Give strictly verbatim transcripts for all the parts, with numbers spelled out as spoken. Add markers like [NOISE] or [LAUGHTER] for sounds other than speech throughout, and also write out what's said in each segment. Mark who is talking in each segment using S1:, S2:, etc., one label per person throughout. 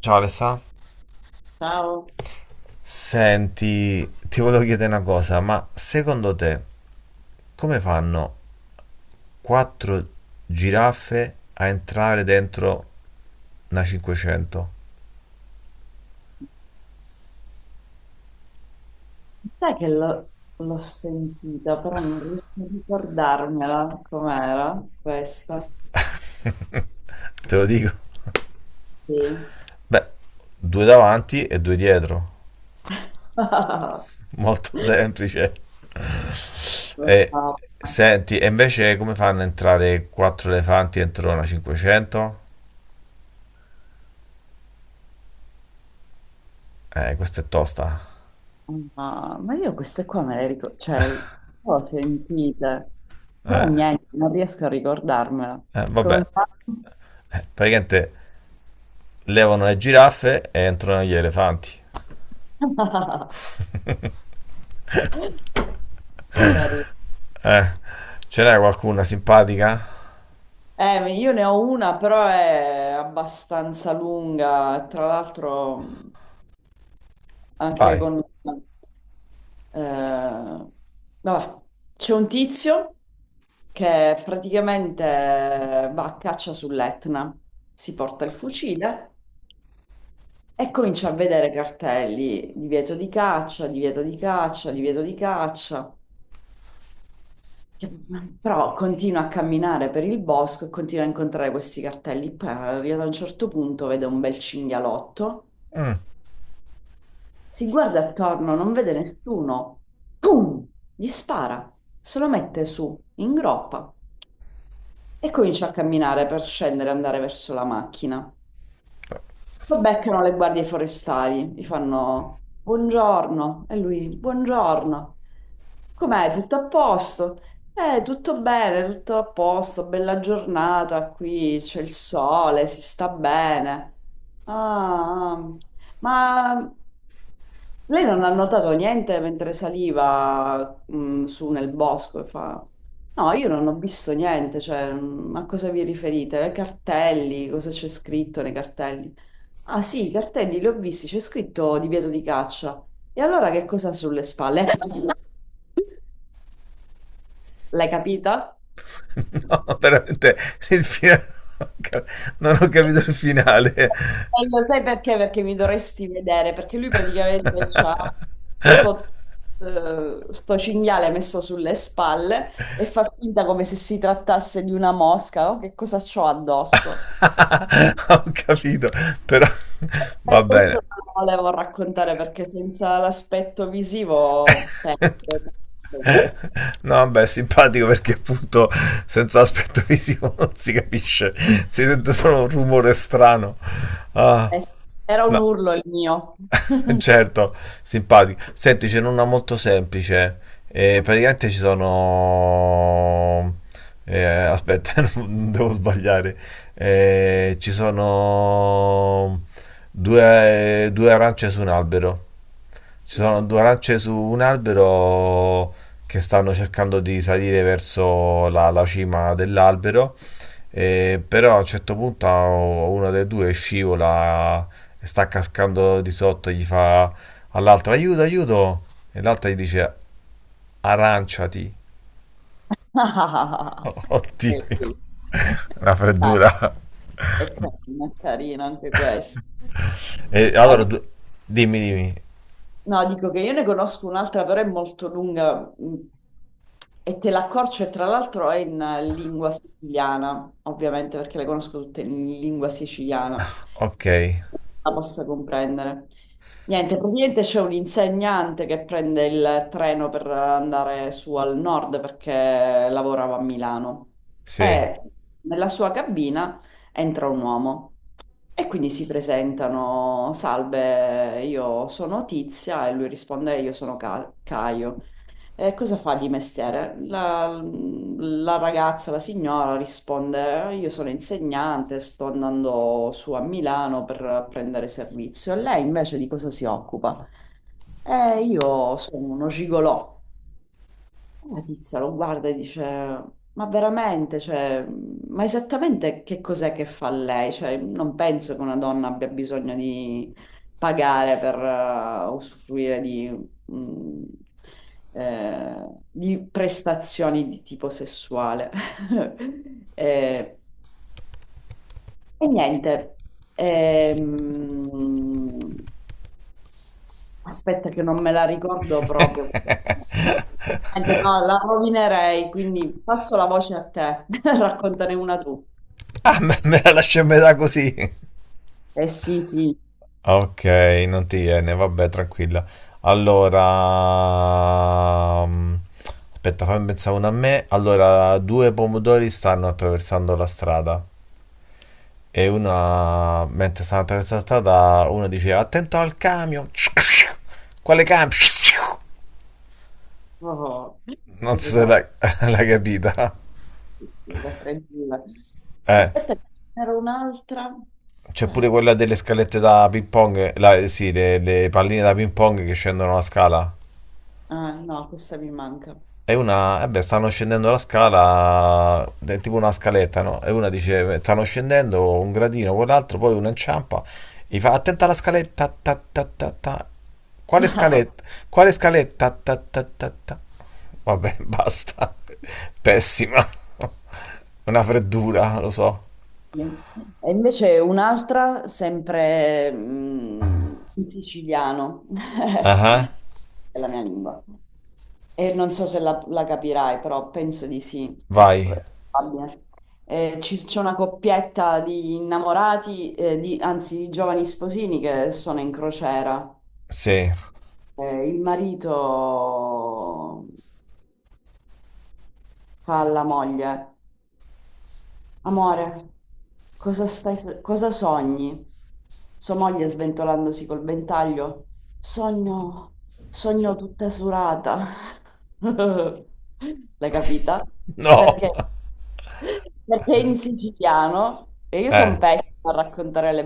S1: Ciao Alessà.
S2: Ciao,
S1: Senti, ti volevo chiedere una cosa, ma secondo te come fanno quattro giraffe a entrare dentro una cinquecento?
S2: sai che l'ho l'ho sentita, però non riesco a ricordarmela com'era questa.
S1: Te lo dico.
S2: Sì.
S1: Beh, due davanti e due dietro.
S2: [LAUGHS]
S1: Molto semplice.
S2: No,
S1: E
S2: no, no,
S1: senti, e invece come fanno a entrare quattro elefanti dentro una cinquecento? Eh, questa è tosta.
S2: [LAUGHS] ma io queste qua me le ricordo, cioè le ho sentite, però
S1: Eh,
S2: niente, non riesco a ricordarmela.
S1: eh, vabbè,
S2: Come fa?
S1: Eh, praticamente levano le giraffe e entrano gli elefanti.
S2: [LAUGHS] Carino.
S1: Ce n'è qualcuna simpatica?
S2: Eh, io ne ho una, però è abbastanza lunga, tra l'altro anche
S1: Vai.
S2: con. Eh, Vabbè, c'è un tizio che praticamente eh, va a caccia sull'Etna, si porta il fucile e comincia a vedere cartelli, divieto di caccia, divieto di caccia, divieto di caccia. Che- Però continua a camminare per il bosco e continua a incontrare questi cartelli. Poi arriva a un certo punto, vede un bel cinghialotto, si guarda attorno, non vede nessuno. Pum! Gli spara, se lo mette su, in groppa. E comincia a camminare per scendere e andare verso la macchina. Lo beccano le guardie forestali, gli fanno buongiorno e lui buongiorno. Com'è? Tutto a posto? Eh, tutto bene, tutto a posto, bella giornata qui, c'è il sole, si sta bene. Ah, ah. Ma lei non ha notato niente mentre saliva, mh, su nel bosco e fa. No, io non ho visto niente, cioè, mh, a cosa vi riferite? Ai cartelli, cosa c'è scritto nei cartelli? Ah sì, i cartelli li ho visti, c'è scritto divieto di caccia. E allora che cosa ha sulle spalle? [LAUGHS] L'hai capita?
S1: [LAUGHS] No, veramente il finale. Non ho capito il finale. [LAUGHS]
S2: E lo sai perché? Perché mi dovresti vedere, perché lui praticamente c'ha sto, eh, sto cinghiale messo sulle spalle e fa finta come se si trattasse di una mosca, oh, che cosa c'ho addosso?
S1: Ho capito, però [LAUGHS] va
S2: Per
S1: bene.
S2: questo non lo volevo raccontare, perché senza l'aspetto visivo perdo tutto questo.
S1: No, vabbè, è simpatico perché appunto senza aspetto visivo [LAUGHS] non si capisce, si sente solo un rumore strano. Ah,
S2: Eh, Era un
S1: no,
S2: urlo il mio.
S1: [LAUGHS]
S2: [LAUGHS]
S1: certo, simpatico. Senti, ce n'è una molto semplice. Eh, praticamente ci sono... eh, aspetta, [LAUGHS] non devo sbagliare. Eh, ci sono due, due arance su un albero. Ci
S2: Sì.
S1: sono
S2: [LAUGHS]
S1: due arance su un albero che stanno cercando di salire verso la, la cima dell'albero, eh, però a un certo punto a- una delle due scivola e sta cascando di sotto, gli fa all'altra aiuto, aiuto, e l'altra gli dice aranciati. [LAUGHS] Oddio,
S2: Bellissimo.
S1: una
S2: Dai,
S1: freddura.
S2: è carino, è carino anche questo.
S1: E allora du- dimmi, dimmi.
S2: No, dico che io ne conosco un'altra, però è molto lunga mh, e te l'accorcio e tra l'altro è in eh, lingua siciliana, ovviamente perché le conosco tutte in lingua siciliana,
S1: Ok,
S2: la possa comprendere. Niente, praticamente c'è un insegnante che prende il treno per andare su al nord perché lavorava a Milano
S1: sì.
S2: e nella sua cabina entra un uomo. E quindi si presentano, salve, io sono Tizia e lui risponde, io sono Ca- Caio. E cosa fa di mestiere? La, la ragazza, la signora risponde, io sono insegnante, sto andando su a Milano per prendere servizio. E lei invece di cosa si occupa? E io sono uno gigolò. La tizia lo guarda e dice, ma veramente, cioè, ma esattamente che cos'è che fa lei? Cioè, non penso che una donna abbia bisogno di pagare per eh, usufruire di, mm, eh, di prestazioni di tipo sessuale. [LAUGHS] Eh, e niente, Ehm, Aspetta che non me la ricordo proprio. Eh, beh, no, la
S1: [LAUGHS]
S2: rovinerei, quindi passo la voce a te. [LAUGHS] Raccontane una tu.
S1: Ah, me, me la lascio a metà così.
S2: Eh sì, sì.
S1: Ok, non ti viene, vabbè, tranquilla. Allora, mm, aspetta, fammi pensare una a me. Allora, due pomodori stanno attraversando la strada e una, mentre stanno attraversando la strada, uno dice attento al camion. Quale camion?
S2: Oh,
S1: Non
S2: queste
S1: so se
S2: sono
S1: l'hai [LAUGHS] l'hai capita.
S2: sì, sì, le tre due.
S1: Eh,
S2: Aspetta, ce n'era un'altra.
S1: C'è pure
S2: Eh,
S1: quella delle scalette da ping pong, la- sì, le, le palline da ping pong che scendono la scala.
S2: ah, no, questa mi manca.
S1: E una, eh beh, stanno scendendo la scala, è tipo una scaletta, no? E una dice, stanno scendendo un gradino, quell'altro, poi uno inciampa, gli fa, attenta alla scaletta, ta, ta, ta, ta. Quale
S2: [LAUGHS]
S1: scaletta? Quale scaletta? Ta, ta, ta, ta. Vabbè, [LAUGHS] basta. Pessima. Una freddura, lo so.
S2: Sì. E invece un'altra, sempre mm, in siciliano,
S1: Ah,
S2: [LAUGHS]
S1: uh-huh.
S2: è la mia lingua. E non so se la, la capirai, però penso di sì, è
S1: Vai.
S2: probabile. Eh, ci- c'è una coppietta di innamorati, eh, di- anzi di giovani sposini che sono in crociera.
S1: Sì.
S2: Eh, il marito fa alla moglie. Amore, cosa stai, so- cosa sogni? Sua moglie sventolandosi col ventaglio. Sogno, sogno tutta surata. [LAUGHS] L'hai capita?
S1: No.
S2: Perché,
S1: [LAUGHS]
S2: perché in siciliano, e io sono
S1: Eh.
S2: pessima a raccontare le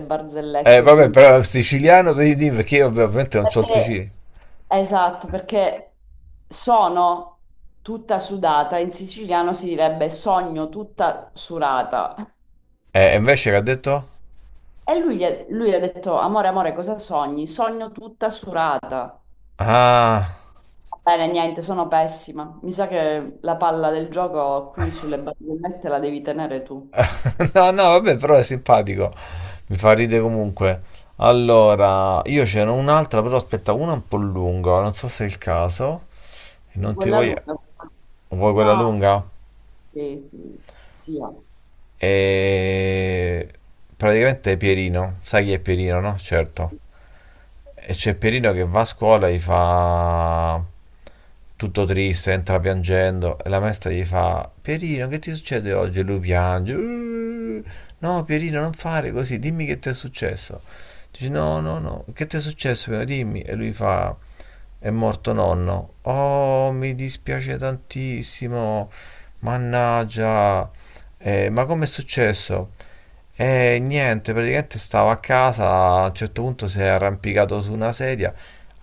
S1: Eh,
S2: barzellette,
S1: vabbè,
S2: quindi.
S1: però è siciliano, vedi, perché io vabbè, ovviamente non c'ho il
S2: Perché,
S1: siciliano.
S2: esatto, perché sono tutta sudata, in siciliano si direbbe sogno tutta surata.
S1: Eh, e invece che ha detto?
S2: E lui, gli ha- lui ha detto, amore, amore, cosa sogni? Sogno tutta surata.
S1: Ah...
S2: Va bene, niente, sono pessima. Mi sa che la palla del gioco qui sulle barzellette la devi tenere tu.
S1: [LAUGHS] No, no, vabbè, però è simpatico. Mi fa ridere comunque. Allora, io c'era un'altra, però aspetta, una un po' lunga, non so se è il caso. E non ti
S2: Quella
S1: voglio...
S2: lunga.
S1: Vuoi quella
S2: No,
S1: lunga?
S2: sì, sì, sì. Va.
S1: E... Praticamente è Pierino. Sai chi è Pierino, no? Certo. E c'è Pierino che va a scuola e gli fa tutto triste, entra piangendo e la maestra gli fa Pierino, che ti succede oggi? E lui piange. "Uh, No, Pierino, non fare così, dimmi che ti è successo. Dice no, no, no, che ti è successo? Pierino? Dimmi. E lui fa è morto nonno. Oh, mi dispiace tantissimo. Mannaggia. "Eh, ma com'è successo? E niente, praticamente stavo a casa, a un certo punto si è arrampicato su una sedia.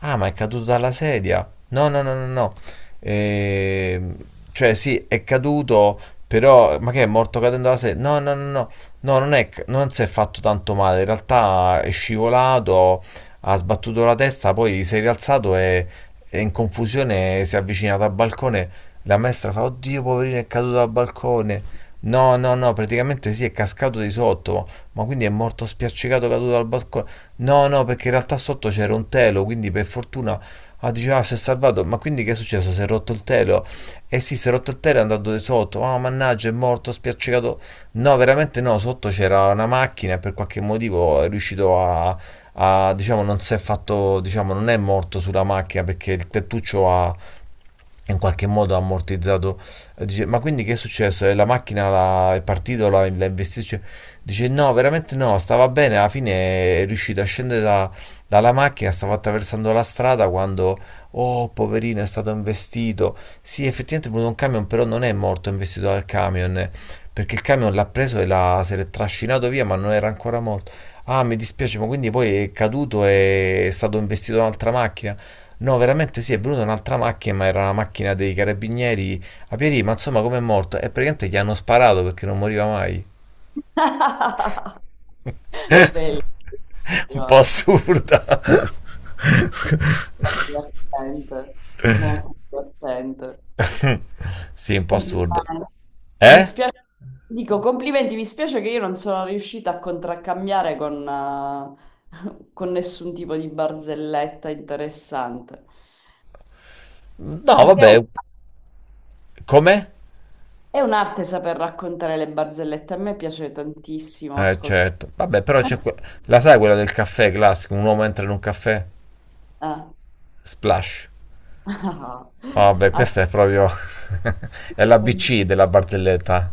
S1: Ah, ma è caduto dalla sedia? No, no, no, no, no. Ehm, cioè, sì, è caduto, però... Ma che è morto cadendo dalla sedia? No, no, no, no. No, non è, ca- non si è fatto tanto male. In realtà è scivolato, ha sbattuto la testa, poi si è rialzato e, e in confusione si è avvicinato al balcone. La maestra fa, oddio, poverino, è caduto dal balcone. No, no, no, praticamente sì, è cascato di sotto, ma quindi è morto spiaccicato, caduto dal balcone. No, no, perché in realtà sotto c'era un telo, quindi per fortuna... Ah, diceva, ah, si è salvato, ma quindi che è successo? Si è rotto il telo? Eh sì, si è rotto il telo e è andato di sotto. Ah, oh, mannaggia, è morto, spiaccicato. No, veramente no, sotto c'era una macchina e per qualche motivo è riuscito a, a, diciamo, non si è fatto, diciamo, non è morto sulla macchina perché il tettuccio ha, in qualche modo ha ammortizzato. Eh, Dice, ma quindi che è successo? Eh, La macchina la- è partita, la- l'ha investito? Cioè, dice, no, veramente no, stava bene, alla fine è riuscita a scendere da- dalla macchina, stava attraversando la strada quando, oh, poverino, è stato investito. Sì, effettivamente è venuto un camion, però non è morto, è investito dal camion, eh, perché il camion l'ha preso e l'ha, se l'è trascinato via, ma non era ancora morto. Ah, mi dispiace, ma quindi poi è caduto e è stato investito da un'altra macchina? No, veramente sì, è venuta un'altra macchina, ma era una macchina dei carabinieri a Pierì, ma insomma come è morto? E praticamente gli hanno sparato perché non moriva mai.
S2: [LAUGHS]
S1: [LAUGHS] Un po'
S2: Bellissima.
S1: assurda. [LAUGHS]
S2: Molto divertente. Molto divertente.
S1: Sì, un po' assurdo.
S2: Complimenti. Mi
S1: Eh?
S2: spiace, dico complimenti, mi spiace che io non sono riuscita a contraccambiare con, eh, [LAUGHS] con nessun tipo di barzelletta interessante.
S1: No,
S2: Perché è un-
S1: vabbè, come?
S2: è un'arte saper raccontare le barzellette, a me piace tantissimo
S1: Eh,
S2: ascoltare.
S1: certo. Vabbè, però c'è que- la sai quella del caffè classico, un uomo entra in un caffè,
S2: Ah.
S1: splash.
S2: [LAUGHS] Ah,
S1: Vabbè,
S2: ah,
S1: questa è proprio [LAUGHS] è l'A B C della barzelletta.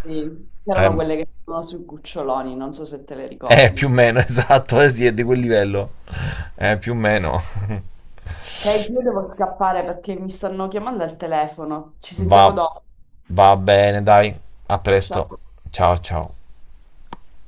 S2: sì.
S1: Eh,
S2: C'erano quelle che sono sui cuccioloni, non so se te le
S1: Eh,
S2: ricordi.
S1: più o meno, [LAUGHS] esatto, eh, sì, è di quel livello. Eh, più o meno.
S2: Sei, io devo scappare perché mi stanno chiamando al telefono. Ci
S1: Va,
S2: sentiamo dopo.
S1: va bene, dai. A presto.
S2: Ciao.
S1: Ciao, ciao.